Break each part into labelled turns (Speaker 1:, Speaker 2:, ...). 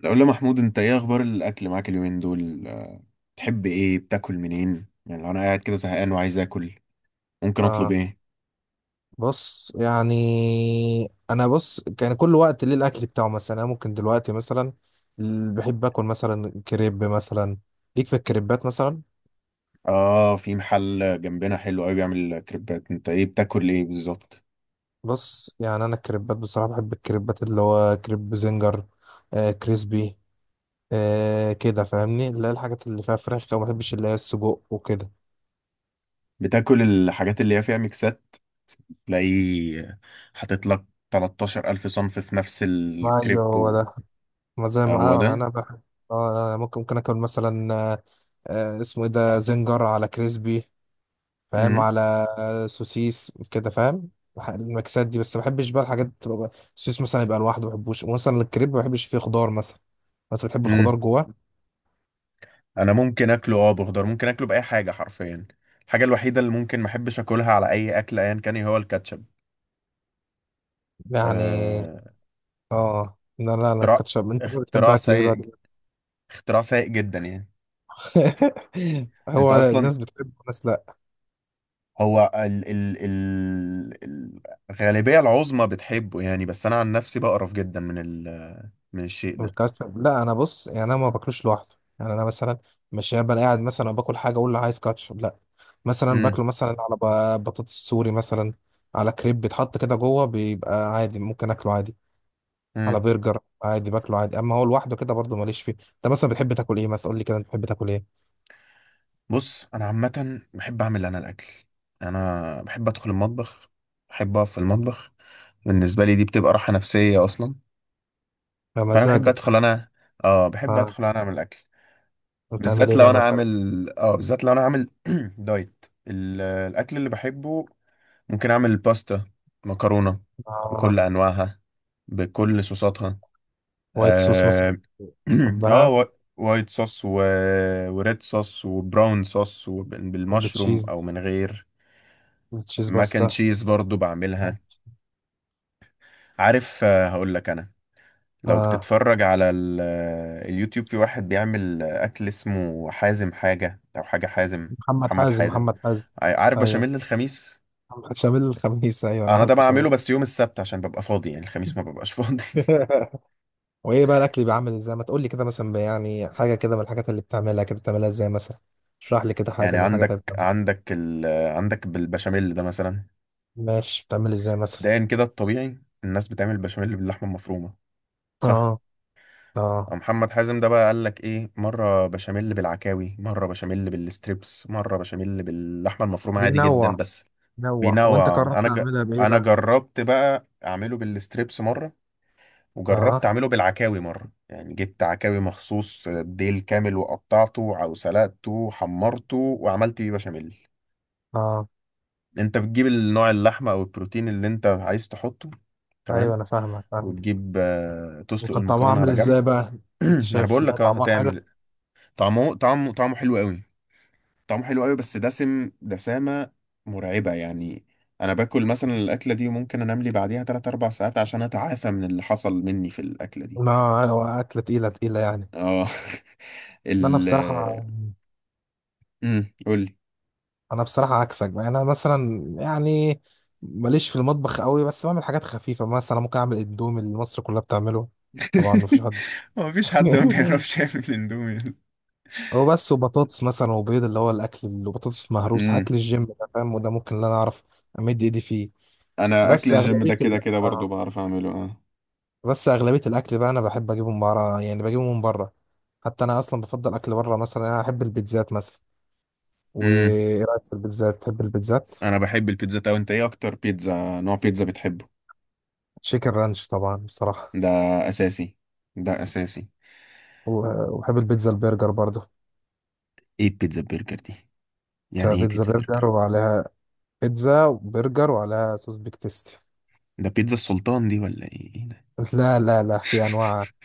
Speaker 1: لو محمود انت ايه اخبار الاكل معاك اليومين دول تحب ايه بتاكل منين؟ يعني لو انا قاعد كده زهقان وعايز اكل ممكن اطلب
Speaker 2: اه،
Speaker 1: ايه؟
Speaker 2: بص يعني انا، بص، كان كل وقت ليه الاكل بتاعه، مثلا انا ممكن دلوقتي مثلا، بحب اكل مثلا كريب مثلا، ليك في الكريبات مثلا.
Speaker 1: اه، في محل جنبنا حلو قوي بيعمل كريبات، انت ايه بتاكل ايه بالظبط؟
Speaker 2: بص يعني انا الكريبات بصراحه، بحب الكريبات اللي هو كريب زنجر كريسبي. كده فاهمني، اللي هي الحاجات اللي فيها فراخ كده، ما بحبش اللي هي السجق وكده.
Speaker 1: بتاكل الحاجات اللي هي فيها ميكسات، تلاقيه حاطط لك 13000 الف صنف في نفس
Speaker 2: ايوه،
Speaker 1: الكريب
Speaker 2: هو
Speaker 1: و...
Speaker 2: ده. ما زي ما
Speaker 1: هو
Speaker 2: انا
Speaker 1: ده.
Speaker 2: انا بحب. اه، أنا ممكن اكل مثلا. اسمه ايه ده؟ زنجر على كريسبي. فاهم
Speaker 1: امم
Speaker 2: على سوسيس كده، فاهم؟ المكسات دي بس، ما بحبش بقى الحاجات تبقى السوسيس مثلا يبقى لوحده، ما بحبوش. مثلا الكريب ما بحبش فيه خضار مثلا. بس بتحب الخضار
Speaker 1: امم
Speaker 2: جواه؟
Speaker 1: انا ممكن اكله اه بخضار، ممكن اكله باي حاجه حرفيا. الحاجه الوحيده اللي ممكن ما احبش اكلها على اي اكل ايا كان هي هو الكاتشب.
Speaker 2: يعني.
Speaker 1: أه،
Speaker 2: اه، لا، لا، لا.
Speaker 1: اختراع،
Speaker 2: الكاتشب؟ انت بقى بتحب
Speaker 1: اختراع
Speaker 2: اكل ايه بقى؟
Speaker 1: سيء، اختراع سيء جدا يعني. انت
Speaker 2: هو
Speaker 1: اصلا
Speaker 2: الناس بتحب، الناس لا.
Speaker 1: هو ال ال ال ال- الغالبية العظمى بتحبه يعني، بس انا عن نفسي بقرف جدا من الشيء ده.
Speaker 2: الكاتشب لا، انا بص يعني انا ما باكلوش لوحده. يعني انا مثلا مش هبقى قاعد مثلا وباكل حاجه اقول له عايز كاتشب، لا. مثلا
Speaker 1: امم
Speaker 2: باكله مثلا على بطاطس سوري مثلا. على كريب بيتحط كده جوه، بيبقى عادي، ممكن اكله عادي. على
Speaker 1: امم
Speaker 2: برجر عادي باكله عادي، اما هو لوحده كده برضه ماليش فيه. انت مثلا بتحب تاكل ايه مثلا؟ قول لي كده، انت بتحب تاكل ايه؟
Speaker 1: بص، انا عامة بحب اعمل انا الاكل. انا بحب ادخل المطبخ، بحب اقف في المطبخ. بالنسبة لي دي بتبقى راحة نفسية اصلا. فانا بحب
Speaker 2: بمزاجك.
Speaker 1: ادخل انا، اه بحب
Speaker 2: اه،
Speaker 1: ادخل انا اعمل الاكل.
Speaker 2: بتعمل
Speaker 1: بالذات
Speaker 2: ايه
Speaker 1: لو
Speaker 2: بقى
Speaker 1: انا
Speaker 2: مثلا؟
Speaker 1: عامل، اه بالذات لو انا عامل دايت، الاكل اللي بحبه ممكن اعمل باستا، مكرونه بكل
Speaker 2: اه،
Speaker 1: انواعها، بكل صوصاتها.
Speaker 2: وايت صوص مثلا؟
Speaker 1: اه, آه
Speaker 2: بحبها.
Speaker 1: وا- وايت صوص و... وريد صوص وبراون صوص
Speaker 2: ولا
Speaker 1: وبالمشروم
Speaker 2: تشيز،
Speaker 1: او من غير.
Speaker 2: تشيز
Speaker 1: ماك اند
Speaker 2: باستا.
Speaker 1: تشيز برضو بعملها. عارف، هقول لك انا، لو
Speaker 2: اه،
Speaker 1: بتتفرج على ال... آه، اليوتيوب، في واحد بيعمل اكل اسمه حازم حاجه او حاجه حازم.
Speaker 2: محمد
Speaker 1: محمد
Speaker 2: حازم،
Speaker 1: حازم،
Speaker 2: محمد حازم.
Speaker 1: عارف
Speaker 2: ايوه،
Speaker 1: بشاميل الخميس؟
Speaker 2: محمد شامل الخميس. ايوه، انا
Speaker 1: انا ده
Speaker 2: عارفه شامل
Speaker 1: بعمله بس يوم السبت عشان ببقى فاضي، يعني الخميس ما ببقاش فاضي.
Speaker 2: الخميس. وايه بقى الاكل بيعمل ازاي؟ ما تقول لي كده مثلا يعني، حاجه كده من الحاجات اللي بتعملها، كده بتعملها ازاي مثلا؟ اشرح لي كده حاجه
Speaker 1: يعني
Speaker 2: من الحاجات اللي
Speaker 1: عندك،
Speaker 2: بتعملها.
Speaker 1: عندك بالبشاميل ده مثلا،
Speaker 2: ماشي، بتعمل ازاي مثلا؟
Speaker 1: مبدئيا كده الطبيعي الناس بتعمل بشاميل باللحمه المفرومه، صح؟
Speaker 2: اه. اه.
Speaker 1: محمد حازم ده بقى قال لك ايه؟ مره بشاميل بالعكاوي، مره بشاميل بالستريبس، مره بشاميل باللحمه المفرومه عادي جدا،
Speaker 2: بينوع
Speaker 1: بس
Speaker 2: نوع، وانت
Speaker 1: بينوع.
Speaker 2: قررت تعملها بايه
Speaker 1: انا
Speaker 2: بقى؟
Speaker 1: جربت بقى اعمله بالستريبس مره، وجربت
Speaker 2: اه.
Speaker 1: اعمله بالعكاوي مره، يعني جبت عكاوي مخصوص ديل كامل وقطعته او سلقته وحمرته وعملت بيه بشاميل.
Speaker 2: اه.
Speaker 1: انت بتجيب النوع، اللحمة او البروتين اللي انت عايز تحطه،
Speaker 2: ايوه،
Speaker 1: تمام،
Speaker 2: انا فاهمك فاهمك.
Speaker 1: وتجيب تسلق
Speaker 2: وكان طعمها
Speaker 1: المكرونة
Speaker 2: عامل
Speaker 1: على
Speaker 2: ازاي
Speaker 1: جنب.
Speaker 2: بقى؟ انت
Speaker 1: ما انا
Speaker 2: شايف؟
Speaker 1: بقول
Speaker 2: لا،
Speaker 1: لك، اه
Speaker 2: طعمها حلو.
Speaker 1: هتعمل. طعمه حلو قوي، طعمه حلو قوي بس دسم، دسامة مرعبة يعني. انا باكل مثلا الاكلة دي وممكن انام لي بعديها 3 4 ساعات عشان اتعافى من اللي حصل مني في الاكلة دي.
Speaker 2: لا، ايوه، اكله تقيله تقيله يعني.
Speaker 1: اه.
Speaker 2: لا،
Speaker 1: ال، قول لي.
Speaker 2: انا بصراحه عكسك بقى، انا مثلا يعني ماليش في المطبخ قوي، بس بعمل حاجات خفيفه مثلا، ممكن اعمل اندومي اللي مصر كلها بتعمله. طبعا مفيش حد.
Speaker 1: هو مفيش حد ما بيعرفش يعمل اندومي.
Speaker 2: هو بس، وبطاطس مثلا وبيض، اللي هو الاكل اللي بطاطس مهروس،
Speaker 1: امم،
Speaker 2: اكل الجيم ده، فاهم؟ وده ممكن اللي انا اعرف. امد ايدي فيه.
Speaker 1: انا اكل
Speaker 2: بس
Speaker 1: الجيم
Speaker 2: اغلبيه
Speaker 1: ده كده
Speaker 2: ال...
Speaker 1: كده برضو
Speaker 2: آه.
Speaker 1: بعرف اعمله، اه.
Speaker 2: بس اغلبيه الاكل بقى انا بحب اجيبه من بره، يعني بجيبه من بره. حتى انا اصلا بفضل اكل بره، مثلا انا احب البيتزات مثلا.
Speaker 1: امم،
Speaker 2: وايه رايك في البيتزات؟ تحب البيتزات؟
Speaker 1: انا بحب البيتزا. طب انت ايه اكتر نوع بيتزا بتحبه؟
Speaker 2: تشيكن رانش طبعا بصراحه.
Speaker 1: ده اساسي، ده اساسي.
Speaker 2: وبحب البيتزا البرجر برضه.
Speaker 1: ايه البيتزا برجر دي؟
Speaker 2: تبقى
Speaker 1: يعني ايه
Speaker 2: بيتزا
Speaker 1: بيتزا
Speaker 2: برجر،
Speaker 1: برجر؟
Speaker 2: وعليها بيتزا وبرجر وعليها صوص بيك تيستي.
Speaker 1: ده بيتزا السلطان دي ولا ايه؟ ايه ده؟
Speaker 2: لا، لا، لا، في انواع.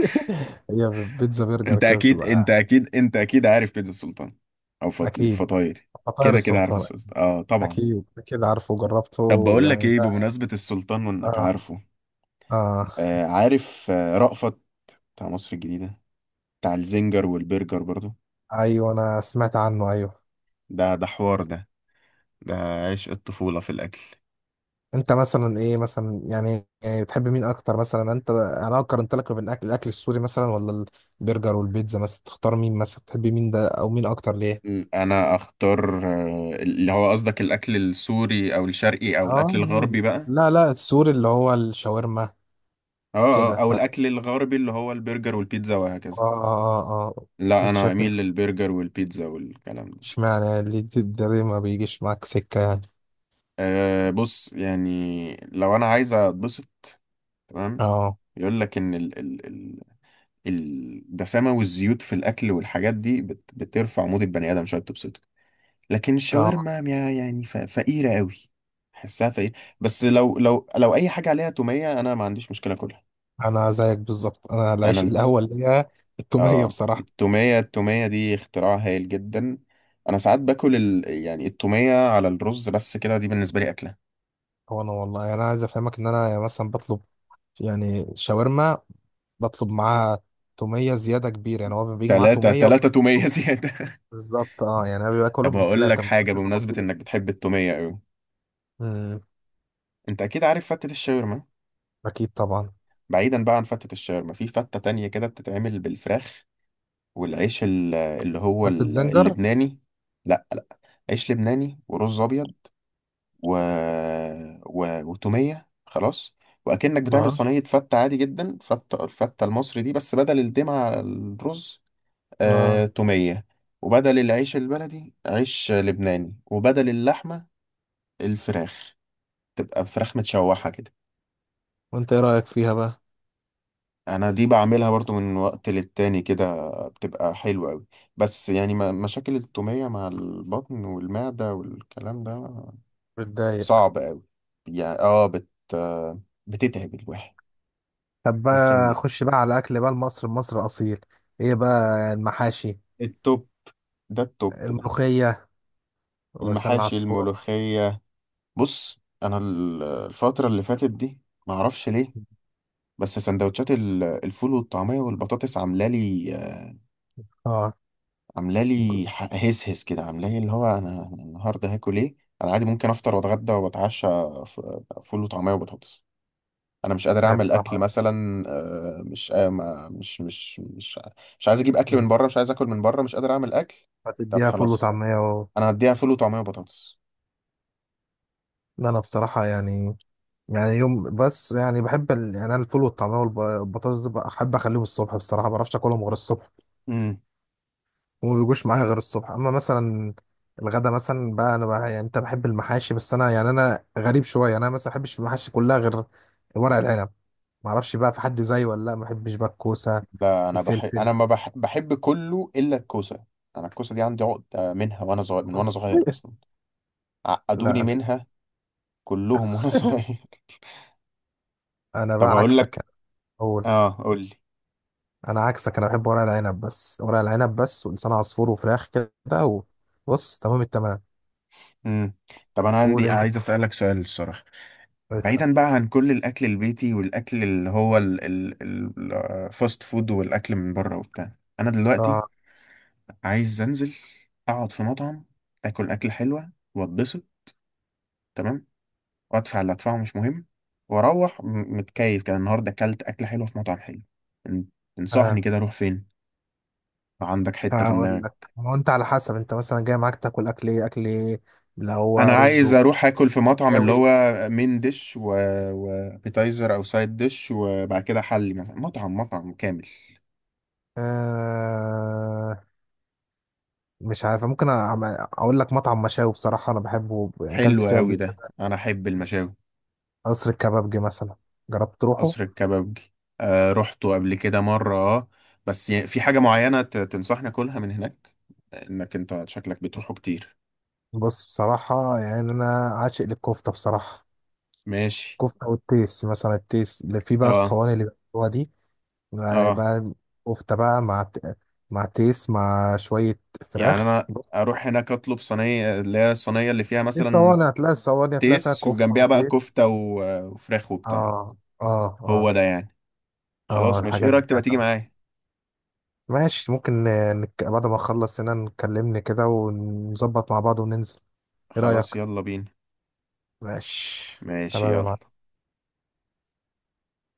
Speaker 2: هي بيتزا برجر كده بتبقى.
Speaker 1: انت اكيد عارف بيتزا السلطان، او
Speaker 2: اكيد.
Speaker 1: فطاير.
Speaker 2: فطاير
Speaker 1: كده كده عارف
Speaker 2: السلطان.
Speaker 1: السلطان، اه طبعا.
Speaker 2: اكيد كده عارفه
Speaker 1: طب
Speaker 2: وجربته
Speaker 1: بقول لك
Speaker 2: يعني
Speaker 1: ايه،
Speaker 2: ده.
Speaker 1: بمناسبة السلطان وانك
Speaker 2: اه،
Speaker 1: عارفه،
Speaker 2: اه،
Speaker 1: عارف رأفت؟ بتاع مصر الجديدة، بتاع الزنجر والبرجر برضو.
Speaker 2: ايوه، انا سمعت عنه، ايوه.
Speaker 1: ده ده حوار ده، ده عشق الطفولة في الأكل.
Speaker 2: انت مثلا ايه مثلا يعني بتحب مين اكتر مثلا؟ انا لو قارنت لك ما بين الاكل الاكل السوري مثلا، ولا البرجر والبيتزا مثلا، تختار مين مثلا، تحب مين ده او مين اكتر ليه؟
Speaker 1: انا اختار اللي هو قصدك الاكل السوري او الشرقي او الاكل
Speaker 2: اه،
Speaker 1: الغربي بقى؟
Speaker 2: لا، لا، السوري، اللي هو الشاورما.
Speaker 1: اه
Speaker 2: كده
Speaker 1: اه، او
Speaker 2: ف، اه،
Speaker 1: الاكل الغربي اللي هو البرجر والبيتزا وهكذا.
Speaker 2: اه، اه، اه.
Speaker 1: لا
Speaker 2: انت
Speaker 1: انا
Speaker 2: شايف مين
Speaker 1: اميل
Speaker 2: احسن؟
Speaker 1: للبرجر والبيتزا والكلام ده.
Speaker 2: اشمعنى اللي ده ليه ما بيجيش معاك سكة يعني؟
Speaker 1: أه بص، يعني لو انا عايز اتبسط، تمام،
Speaker 2: اه،
Speaker 1: يقول لك ان ال ال ال الدسامة والزيوت في الاكل والحاجات دي بترفع مود البني ادم شويه، بتبسطه. لكن
Speaker 2: اه،
Speaker 1: الشاورما فقيرة قوي، حسها فقيرة. بس لو اي حاجة عليها تومية انا ما عنديش مشكلة اكلها.
Speaker 2: انا زيك بالظبط، انا
Speaker 1: انا
Speaker 2: العيش
Speaker 1: ال-
Speaker 2: الاول ليا. التومية
Speaker 1: اه،
Speaker 2: بصراحة.
Speaker 1: التومية دي اختراع هايل جدا. انا ساعات يعني التومية على الرز بس، كده دي بالنسبة لي اكلة.
Speaker 2: هو انا والله يعني، انا عايز افهمك ان انا مثلا بطلب، يعني شاورما، بطلب معاه تومية زيادة كبيرة. يعني هو بيجي معاه
Speaker 1: تلاتة
Speaker 2: تومية،
Speaker 1: تلاتة
Speaker 2: وبجيب توم.
Speaker 1: تومية زيادة.
Speaker 2: بالظبط، اه يعني انا باكله
Speaker 1: طب هقول لك
Speaker 2: بثلاثة من
Speaker 1: حاجة،
Speaker 2: كتر ما
Speaker 1: بمناسبة
Speaker 2: باكله.
Speaker 1: انك بتحب التومية قوي،
Speaker 2: امم.
Speaker 1: انت اكيد عارف فتة الشاورما.
Speaker 2: اكيد طبعا.
Speaker 1: بعيدا بقى عن فتة الشاورما، في فتة تانية كده بتتعمل بالفراخ والعيش
Speaker 2: حتة زنجر.
Speaker 1: اللبناني. لا لا، عيش لبناني ورز ابيض و... و... وتوميه خلاص. واكنك بتعمل
Speaker 2: اه،
Speaker 1: صينيه فته عادي جدا، فته الفته المصري دي، بس بدل الدمعه على الرز
Speaker 2: اه،
Speaker 1: توميه، وبدل العيش البلدي عيش لبناني، وبدل اللحمه الفراخ، تبقى فراخ متشوحه كده.
Speaker 2: وانت ايه رأيك فيها بقى؟
Speaker 1: انا دي بعملها برضو من وقت للتاني كده، بتبقى حلوة قوي، بس يعني مشاكل التومية مع البطن والمعدة والكلام ده
Speaker 2: بتضايق.
Speaker 1: صعب قوي، يعني اه بتتعب الواحد.
Speaker 2: طب
Speaker 1: تحس
Speaker 2: بقى،
Speaker 1: ان،
Speaker 2: خش بقى على اكل بقى مصر مصر اصيل. ايه بقى المحاشي؟
Speaker 1: التوب ده، التوب ده،
Speaker 2: الملوخية ولسان
Speaker 1: المحاشي،
Speaker 2: العصفور.
Speaker 1: الملوخية. بص انا الفترة اللي فاتت دي معرفش ليه، بس سندوتشات الفول والطعمية والبطاطس عاملة لي،
Speaker 2: اه
Speaker 1: عامله
Speaker 2: ج-
Speaker 1: لي هس هس كده، عامله لي اللي هو، انا أنا النهارده هاكل ايه؟ انا عادي ممكن افطر واتغدى واتعشى ف- فول وطعميه وبطاطس. انا مش قادر
Speaker 2: هي
Speaker 1: اعمل اكل
Speaker 2: بصراحة.
Speaker 1: مثلا، آه، مش آه، ما- مش مش مش مش عايز اجيب اكل من بره، مش عايز اكل من بره، مش قادر اعمل اكل. طب
Speaker 2: هتديها فول
Speaker 1: خلاص
Speaker 2: وطعمية.
Speaker 1: انا هديها فول وطعميه وبطاطس.
Speaker 2: لا، انا بصراحة يعني، يعني يوم بس، يعني بحب يعني انا الفول والطعميه والبطاطس دي بحب اخليهم الصبح، بصراحه ما بعرفش اكلهم غير الصبح.
Speaker 1: امم.
Speaker 2: وما بيجوش معايا غير الصبح، اما مثلا الغدا مثلا بقى انا بقى يعني، انت بحب المحاشي، بس انا يعني انا غريب شويه، يعني انا مثلا ما بحبش المحاشي كلها غير ورق العنب. ما اعرفش بقى، في حد زيي ولا؟ لا، ما بحبش بقى الكوسه.
Speaker 1: لا انا بحب،
Speaker 2: الفلفل.
Speaker 1: انا ما بح... بحب كله الا الكوسه. انا الكوسه دي عندي عقده منها وانا صغير، من وانا صغير اصلا
Speaker 2: لا،
Speaker 1: عقدوني
Speaker 2: انا.
Speaker 1: منها كلهم وانا صغير.
Speaker 2: انا
Speaker 1: طب
Speaker 2: بقى
Speaker 1: هقول
Speaker 2: عكسك
Speaker 1: لك،
Speaker 2: يعني. اقول.
Speaker 1: اه قول لي.
Speaker 2: انا عكسك، انا بحب ورق العنب بس، ورق العنب بس، ولسان عصفور وفراخ كده. وبص، تمام التمام.
Speaker 1: امم. طب انا عندي،
Speaker 2: قول
Speaker 1: عايز اسالك سؤال الصراحه،
Speaker 2: انت.
Speaker 1: بعيدا بقى عن كل الاكل البيتي والاكل اللي هو الفاست فود والاكل من بره وبتاع. انا دلوقتي
Speaker 2: اه.
Speaker 1: عايز انزل اقعد في مطعم، اكل اكل حلوه واتبسط، تمام، وادفع اللي ادفعه مش مهم، واروح متكيف كده، النهارده اكلت اكل حلو في مطعم حلو. تن- تنصحني
Speaker 2: آه،
Speaker 1: كده اروح فين؟ عندك حته في
Speaker 2: هقول
Speaker 1: دماغك؟
Speaker 2: لك، ما هو انت على حسب، انت مثلا جاي معاك تاكل اكل ايه اكل ايه، اللي هو
Speaker 1: انا
Speaker 2: رز
Speaker 1: عايز اروح اكل في مطعم اللي
Speaker 2: وشاوي.
Speaker 1: هو ديش و... وابيتايزر او سايد ديش، وبعد كده حلي مثلا، مطعم كامل.
Speaker 2: آه مش عارف، ممكن اقول لك مطعم مشاوي بصراحه، انا بحبه، يعني اكلت
Speaker 1: حلو
Speaker 2: فيها قبل
Speaker 1: قوي ده،
Speaker 2: كده.
Speaker 1: انا احب المشاوي.
Speaker 2: قصر الكبابجي مثلا، جربت تروحه؟
Speaker 1: قصر الكبابجي، آه رحته قبل كده مره اه، بس في حاجه معينه تنصحني اكلها من هناك؟ انك انت شكلك بتروحه كتير.
Speaker 2: بص بصراحه يعني انا، عاشق للكفته بصراحه.
Speaker 1: ماشي.
Speaker 2: كفته والتيس مثلا، التيس اللي فيه بقى
Speaker 1: اه
Speaker 2: الصواني اللي بيعملوها دي. بقى
Speaker 1: اه،
Speaker 2: بقى كفته بقى مع مع تيس مع شويه
Speaker 1: يعني
Speaker 2: فراخ.
Speaker 1: انا اروح هناك اطلب صينيه، اللي هي الصينيه اللي فيها
Speaker 2: في
Speaker 1: مثلا
Speaker 2: صواني هتلاقي، الصواني هتلاقي فيها
Speaker 1: تيس،
Speaker 2: كفتة
Speaker 1: وجنبها بقى
Speaker 2: وتيس.
Speaker 1: كفته وفراخ وبتاع.
Speaker 2: اه، اه،
Speaker 1: هو
Speaker 2: اه،
Speaker 1: ده يعني.
Speaker 2: اه.
Speaker 1: خلاص ماشي، ايه
Speaker 2: الحاجات دي
Speaker 1: رأيك تبقى تيجي
Speaker 2: يعني.
Speaker 1: معايا؟
Speaker 2: ماشي ممكن بعد ما نخلص هنا، نكلمني كده ونظبط مع بعض وننزل. ايه
Speaker 1: خلاص
Speaker 2: رأيك؟
Speaker 1: يلا بينا.
Speaker 2: ماشي
Speaker 1: ماشي
Speaker 2: تمام يا
Speaker 1: يلا.
Speaker 2: معلم.